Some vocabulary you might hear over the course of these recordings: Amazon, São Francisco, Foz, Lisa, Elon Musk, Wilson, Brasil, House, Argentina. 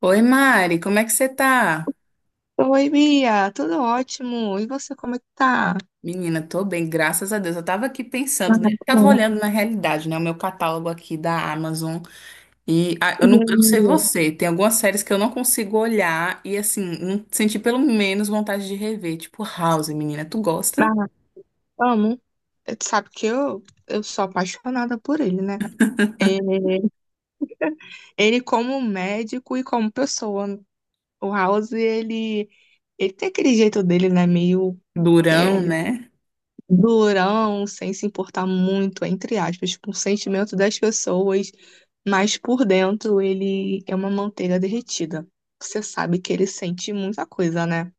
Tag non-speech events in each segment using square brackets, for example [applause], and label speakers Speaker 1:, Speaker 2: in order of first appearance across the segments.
Speaker 1: Oi, Mari, como é que você tá?
Speaker 2: Oi, Bia, tudo ótimo. E você, como é que tá?
Speaker 1: Menina, tô bem, graças a Deus. Eu tava aqui pensando,
Speaker 2: Ah,
Speaker 1: né?
Speaker 2: tá
Speaker 1: Eu tava
Speaker 2: bom.
Speaker 1: olhando na realidade, né? O meu catálogo aqui da Amazon.
Speaker 2: E
Speaker 1: Eu não sei
Speaker 2: aí?
Speaker 1: você, tem algumas séries que eu não consigo olhar e, assim, não senti pelo menos vontade de rever. Tipo, House, menina, tu gosta?
Speaker 2: Ah, amo. Tu sabe que eu sou apaixonada por ele, né? É, ele como médico e como pessoa. O House, ele tem aquele jeito dele, né? Meio
Speaker 1: Durão,
Speaker 2: eh,
Speaker 1: né?
Speaker 2: durão, sem se importar muito, entre aspas, com o sentimento das pessoas, mas por dentro ele é uma manteiga derretida. Você sabe que ele sente muita coisa, né?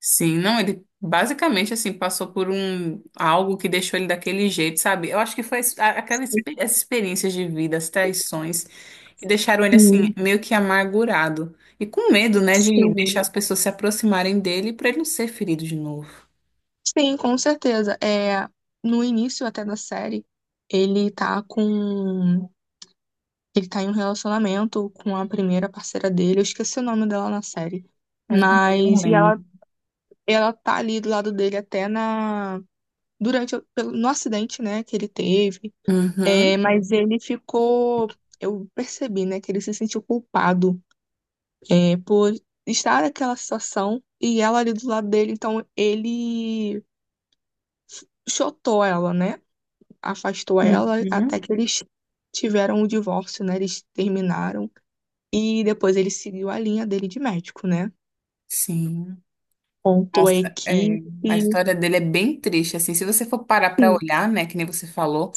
Speaker 1: Sim, não, ele basicamente, assim, passou por um algo que deixou ele daquele jeito, sabe? Eu acho que foi essa experiência de vida, as traições que deixaram ele assim, meio que amargurado. E com medo, né, de
Speaker 2: Sim,
Speaker 1: deixar as pessoas se aproximarem dele para ele não ser ferido de novo.
Speaker 2: sim, com certeza. É, no início até da série, ele tá com. Ele tá em um relacionamento com a primeira parceira dele. Eu esqueci o nome dela na série.
Speaker 1: Mas eu também não
Speaker 2: E ela,
Speaker 1: lembro.
Speaker 2: ela tá ali do lado dele até na. No acidente, né, que ele teve. É,
Speaker 1: Uhum,
Speaker 2: mas ele ficou. Eu percebi, né, que ele se sentiu culpado, é, por estar naquela situação e ela ali do lado dele. Então ele. Chotou ela, né? Afastou ela até
Speaker 1: uhum,
Speaker 2: que eles tiveram o divórcio, né? Eles terminaram. E depois ele seguiu a linha dele de médico, né?
Speaker 1: sim.
Speaker 2: Contou a
Speaker 1: Nossa, é,
Speaker 2: equipe.
Speaker 1: a
Speaker 2: Sim,
Speaker 1: história dele é bem triste, assim, se você for parar pra olhar, né, que nem você falou,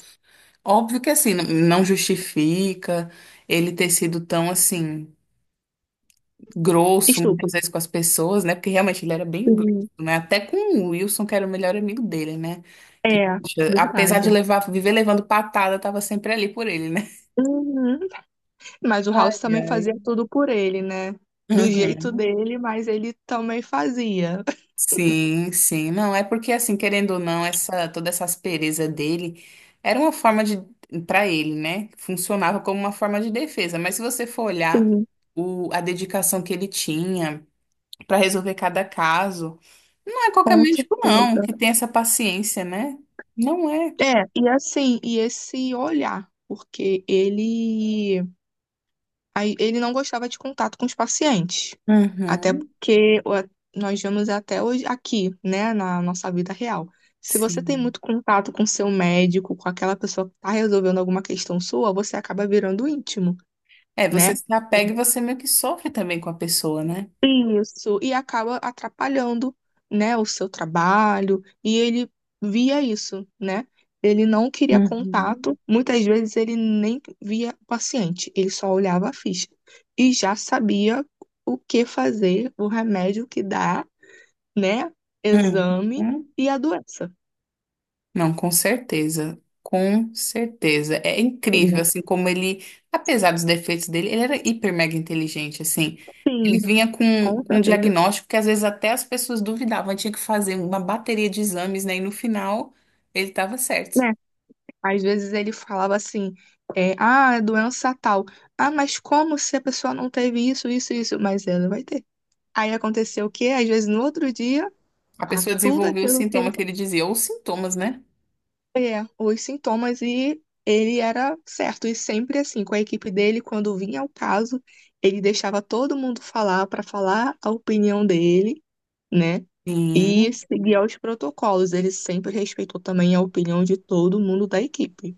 Speaker 1: óbvio que assim, não justifica ele ter sido tão assim grosso muitas
Speaker 2: estúpido.
Speaker 1: vezes com as pessoas, né? Porque realmente ele era bem grosso,
Speaker 2: Sim,
Speaker 1: né? Até com o Wilson, que era o melhor amigo dele, né? Que,
Speaker 2: é,
Speaker 1: poxa, apesar
Speaker 2: verdade.
Speaker 1: de levar, viver levando patada, tava sempre ali por ele, né?
Speaker 2: Uhum. Mas o House
Speaker 1: Ai,
Speaker 2: também
Speaker 1: ai.
Speaker 2: fazia tudo por ele, né? Do jeito
Speaker 1: Uhum.
Speaker 2: dele, mas ele também fazia.
Speaker 1: Sim, sim. Não, é porque assim, querendo ou não, essa toda essa aspereza dele era uma forma de para ele, né? Funcionava como uma forma de defesa, mas se você for olhar
Speaker 2: Sim,
Speaker 1: a dedicação que ele tinha para resolver cada caso. Não é qualquer
Speaker 2: com
Speaker 1: médico, não,
Speaker 2: certeza.
Speaker 1: que tem essa paciência, né? Não é.
Speaker 2: É, e assim, e esse olhar, porque ele aí ele não gostava de contato com os pacientes, até
Speaker 1: Uhum,
Speaker 2: porque nós vemos até hoje aqui, né, na nossa vida real. Se você tem
Speaker 1: sim.
Speaker 2: muito contato com seu médico, com aquela pessoa que está resolvendo alguma questão sua, você acaba virando íntimo,
Speaker 1: É, você
Speaker 2: né?
Speaker 1: se apega e você meio que sofre também com a pessoa, né?
Speaker 2: Isso, e acaba atrapalhando, né, o seu trabalho, e ele via isso, né? Ele não queria
Speaker 1: Uhum.
Speaker 2: contato, muitas vezes ele nem via o paciente, ele só olhava a ficha e já sabia o que fazer, o remédio que dá, né? Exame
Speaker 1: Uhum.
Speaker 2: e a doença,
Speaker 1: Não, com certeza. Com certeza. É incrível,
Speaker 2: né?
Speaker 1: assim, como ele, apesar dos defeitos dele, ele era hiper mega inteligente, assim. Ele vinha
Speaker 2: Com
Speaker 1: com um
Speaker 2: certeza.
Speaker 1: diagnóstico que às vezes até as pessoas duvidavam, tinha que fazer uma bateria de exames, né? E no final ele estava certo.
Speaker 2: Né? Às vezes ele falava assim, é, ah, é doença tal. Ah, mas como se a pessoa não teve isso, isso, isso? Mas ela vai ter. Aí aconteceu o quê? Às vezes no outro dia,
Speaker 1: A
Speaker 2: a
Speaker 1: pessoa
Speaker 2: tudo
Speaker 1: desenvolveu o
Speaker 2: aquilo que ele
Speaker 1: sintoma que ele dizia, ou os sintomas, né?
Speaker 2: é, os sintomas, e ele era certo. E sempre assim, com a equipe dele, quando vinha o caso, ele deixava todo mundo falar para falar a opinião dele, né? E
Speaker 1: Sim,
Speaker 2: seguia os protocolos. Ele sempre respeitou também a opinião de todo mundo da equipe,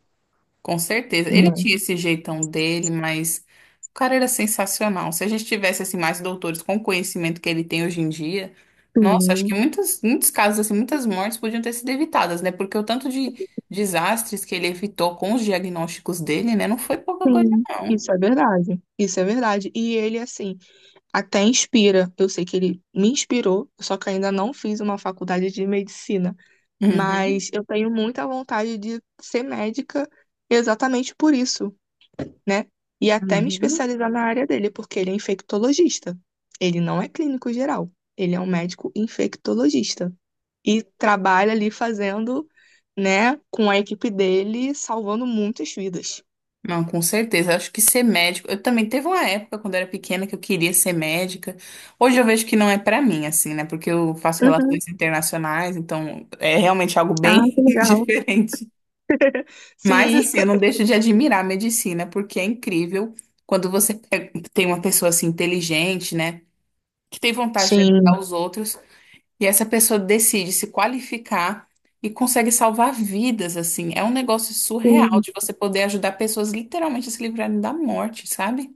Speaker 1: com certeza. Ele
Speaker 2: né?
Speaker 1: tinha esse jeitão dele, mas o cara era sensacional. Se a gente tivesse assim mais doutores com o conhecimento que ele tem hoje em dia, nossa, acho que
Speaker 2: Sim,
Speaker 1: muitos casos assim, muitas mortes podiam ter sido evitadas, né? Porque o tanto de desastres que ele evitou com os diagnósticos dele, né, não foi pouca coisa,
Speaker 2: sim.
Speaker 1: não.
Speaker 2: Isso é verdade. Isso é verdade. E ele, assim, até inspira. Eu sei que ele me inspirou, só que ainda não fiz uma faculdade de medicina.
Speaker 1: Uhum.
Speaker 2: Mas eu tenho muita vontade de ser médica exatamente por isso, né? E até me
Speaker 1: Uhum.
Speaker 2: especializar na área dele, porque ele é infectologista. Ele não é clínico geral, ele é um médico infectologista. E trabalha ali fazendo, né, com a equipe dele, salvando muitas vidas.
Speaker 1: Não, com certeza. Acho que ser médico. Eu também teve uma época quando eu era pequena que eu queria ser médica. Hoje eu vejo que não é pra mim, assim, né? Porque eu faço
Speaker 2: Uhum.
Speaker 1: relações internacionais, então é realmente algo
Speaker 2: Ah, que
Speaker 1: bem [laughs]
Speaker 2: legal.
Speaker 1: diferente. Mas,
Speaker 2: Sim,
Speaker 1: assim, eu não deixo de admirar a medicina, porque é incrível quando você tem uma pessoa assim inteligente, né? Que tem vontade de ajudar
Speaker 2: sim.
Speaker 1: os outros. E essa pessoa decide se qualificar e consegue salvar vidas, assim. É um negócio surreal
Speaker 2: Sim.
Speaker 1: de você poder ajudar pessoas literalmente a se livrarem da morte, sabe?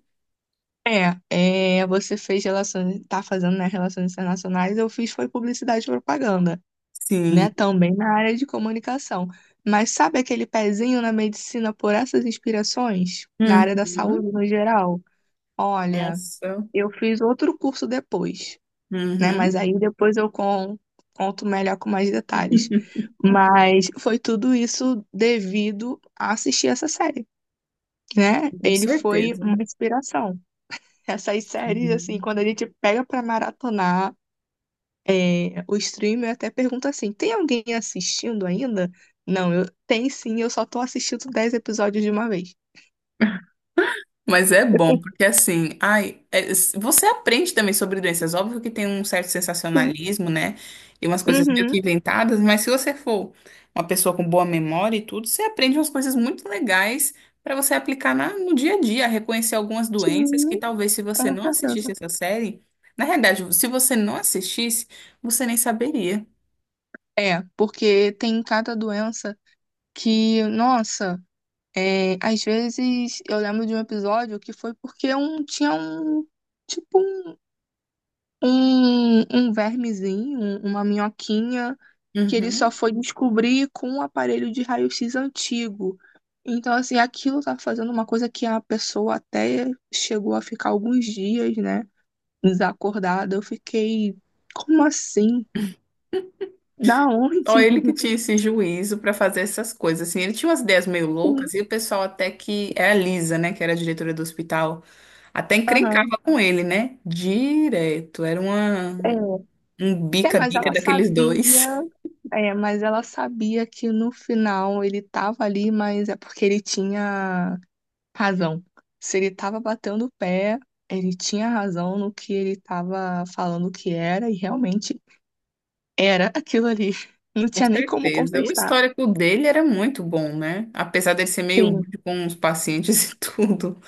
Speaker 2: É, é, você fez relações, tá fazendo, né, relações internacionais, eu fiz foi publicidade e propaganda,
Speaker 1: Sim.
Speaker 2: né, também na área de comunicação. Mas sabe aquele pezinho na medicina por essas inspirações? Na área da saúde
Speaker 1: Uhum.
Speaker 2: no geral? Olha,
Speaker 1: Nossa.
Speaker 2: eu fiz outro curso depois, né, mas
Speaker 1: Uhum.
Speaker 2: aí depois conto melhor com mais detalhes. Mas foi tudo isso devido a assistir essa série, né?
Speaker 1: Com
Speaker 2: Ele foi
Speaker 1: certeza.
Speaker 2: uma inspiração. Essas séries, assim,
Speaker 1: Sim.
Speaker 2: quando a gente pega pra maratonar, é, o streamer até pergunta assim: tem alguém assistindo ainda? Não, eu tem sim, eu só tô assistindo 10 episódios de uma vez.
Speaker 1: Mas é
Speaker 2: [laughs] Eu
Speaker 1: bom,
Speaker 2: tô
Speaker 1: porque assim, ai, você aprende também sobre doenças. Óbvio que tem um certo
Speaker 2: assim,
Speaker 1: sensacionalismo, né? E umas coisas meio que
Speaker 2: uhum,
Speaker 1: inventadas, mas se você for uma pessoa com boa memória e tudo, você aprende umas coisas muito legais para você aplicar no dia a dia, reconhecer algumas doenças que
Speaker 2: sim,
Speaker 1: talvez se você
Speaker 2: com
Speaker 1: não
Speaker 2: certeza.
Speaker 1: assistisse essa série, na realidade, se você não assistisse, você nem saberia.
Speaker 2: É, porque tem cada doença que, nossa, é, às vezes eu lembro de um episódio que foi porque um, tinha um, tipo um, um vermezinho, uma minhoquinha, que ele só
Speaker 1: Uhum.
Speaker 2: foi descobrir com um aparelho de raio-x antigo. Então, assim, aquilo tá fazendo uma coisa que a pessoa até chegou a ficar alguns dias, né, desacordada. Eu fiquei, como assim? Da onde?
Speaker 1: Ó, ele que
Speaker 2: [laughs]
Speaker 1: tinha esse juízo para fazer essas coisas, assim, ele tinha umas ideias meio
Speaker 2: Sim,
Speaker 1: loucas e o pessoal até que, era a Lisa, né, que era a diretora do hospital, até
Speaker 2: aham.
Speaker 1: encrencava com ele, né, direto,
Speaker 2: É.
Speaker 1: um
Speaker 2: É, mas
Speaker 1: bica-bica
Speaker 2: ela
Speaker 1: daqueles
Speaker 2: sabia,
Speaker 1: dois.
Speaker 2: é, mas ela sabia que no final ele tava ali, mas é porque ele tinha razão. Se ele estava batendo o pé, ele tinha razão no que ele estava falando que era, e realmente era aquilo ali. [laughs] Não
Speaker 1: [laughs] Com
Speaker 2: tinha nem como
Speaker 1: certeza. O
Speaker 2: contestar.
Speaker 1: histórico dele era muito bom, né, apesar dele ser meio
Speaker 2: Sim.
Speaker 1: rude com os pacientes. [laughs] E tudo.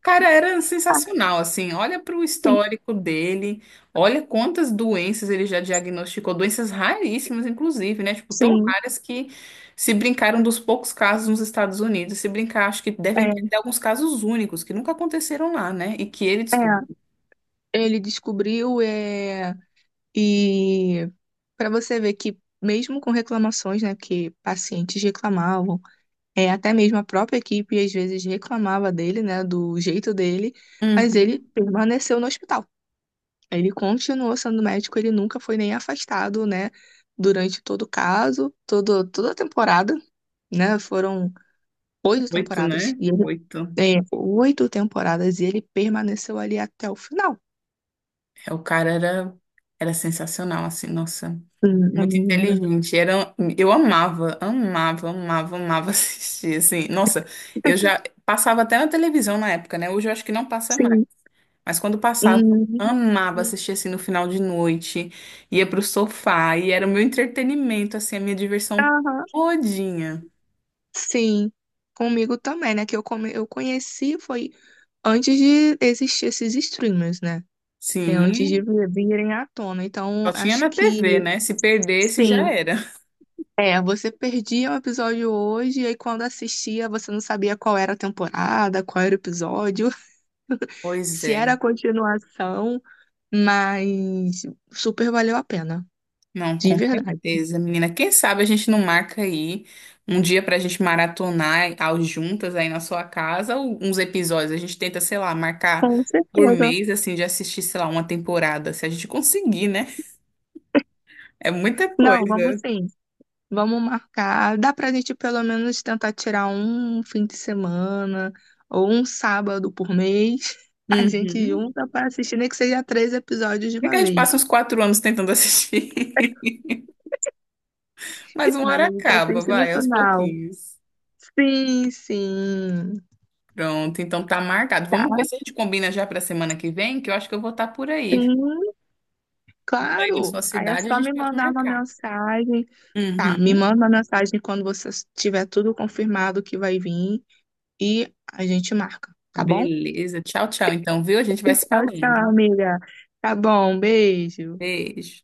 Speaker 1: Cara, era
Speaker 2: Ah,
Speaker 1: sensacional, assim. Olha para o
Speaker 2: sim,
Speaker 1: histórico dele, olha quantas doenças ele já diagnosticou, doenças raríssimas, inclusive, né? Tipo, tão
Speaker 2: sim.
Speaker 1: raras que se brincaram dos poucos casos nos Estados Unidos. Se brincar, acho que devem ter
Speaker 2: É,
Speaker 1: até alguns casos únicos que nunca aconteceram lá, né? E que ele descobriu.
Speaker 2: é. Ele descobriu, é, e para você ver que mesmo com reclamações, né, que pacientes reclamavam, é, até mesmo a própria equipe às vezes reclamava dele, né, do jeito dele, mas ele
Speaker 1: Uhum.
Speaker 2: permaneceu no hospital. Ele continuou sendo médico, ele nunca foi nem afastado, né? Durante todo o caso, todo, toda a temporada, né? Foram oito
Speaker 1: Oito,
Speaker 2: temporadas.
Speaker 1: né?
Speaker 2: E ele
Speaker 1: Oito.
Speaker 2: é, oito temporadas e ele permaneceu ali até o final.
Speaker 1: É, o cara era, era sensacional, assim, nossa,
Speaker 2: A
Speaker 1: muito
Speaker 2: menina.
Speaker 1: inteligente. Eu amava [laughs] assistir, assim. Nossa, eu já passava até na televisão na época, né? Hoje eu acho que não passa mais.
Speaker 2: Sim.
Speaker 1: Mas quando passava, eu
Speaker 2: Hum,
Speaker 1: amava
Speaker 2: sim.
Speaker 1: assistir, assim, no final de noite. Ia pro sofá e era o meu entretenimento, assim, a minha diversão
Speaker 2: Aham.
Speaker 1: todinha.
Speaker 2: Sim. Comigo também, né? Eu conheci foi antes de existir esses streamers, né? É antes de
Speaker 1: Sim,
Speaker 2: virem à tona. Então,
Speaker 1: só tinha
Speaker 2: acho
Speaker 1: na
Speaker 2: que
Speaker 1: TV, né? Se perdesse, já
Speaker 2: sim.
Speaker 1: era.
Speaker 2: É, você perdia o episódio hoje, e aí quando assistia, você não sabia qual era a temporada, qual era o episódio, [laughs]
Speaker 1: Pois
Speaker 2: se era
Speaker 1: é.
Speaker 2: a continuação, mas super valeu a pena,
Speaker 1: Não,
Speaker 2: de
Speaker 1: com
Speaker 2: verdade.
Speaker 1: certeza, menina. Quem sabe a gente não marca aí um dia pra gente maratonar ao juntas aí na sua casa ou uns episódios. A gente tenta, sei lá, marcar
Speaker 2: Com
Speaker 1: por
Speaker 2: certeza.
Speaker 1: mês, assim, de assistir, sei lá, uma temporada, se a gente conseguir, né? É muita
Speaker 2: Não, vamos
Speaker 1: coisa.
Speaker 2: sim. Vamos marcar. Dá pra gente pelo menos tentar tirar um fim de semana ou um sábado por mês. [laughs] A gente
Speaker 1: Uhum.
Speaker 2: junta pra assistir, nem que seja três episódios de
Speaker 1: É que
Speaker 2: uma
Speaker 1: a gente passa
Speaker 2: vez.
Speaker 1: uns quatro anos tentando assistir, [laughs] mas uma
Speaker 2: Mas
Speaker 1: hora
Speaker 2: a gente
Speaker 1: acaba,
Speaker 2: assiste no
Speaker 1: vai, aos
Speaker 2: final.
Speaker 1: pouquinhos.
Speaker 2: Sim, sim.
Speaker 1: Pronto, então tá marcado.
Speaker 2: Tá,
Speaker 1: Vamos ver se a gente combina já pra semana que vem, que eu acho que eu vou estar por aí.
Speaker 2: sim,
Speaker 1: Vou estar aí na
Speaker 2: claro.
Speaker 1: sua
Speaker 2: Aí é
Speaker 1: cidade, a
Speaker 2: só
Speaker 1: gente
Speaker 2: me
Speaker 1: pode
Speaker 2: mandar uma
Speaker 1: marcar.
Speaker 2: mensagem. Tá, me
Speaker 1: Uhum.
Speaker 2: manda uma mensagem quando você tiver tudo confirmado que vai vir e a gente marca, tá bom?
Speaker 1: Beleza. Tchau, tchau. Então, viu? A gente vai se
Speaker 2: Tchau, tchau,
Speaker 1: falando.
Speaker 2: amiga. Tá bom, beijo.
Speaker 1: Beijo.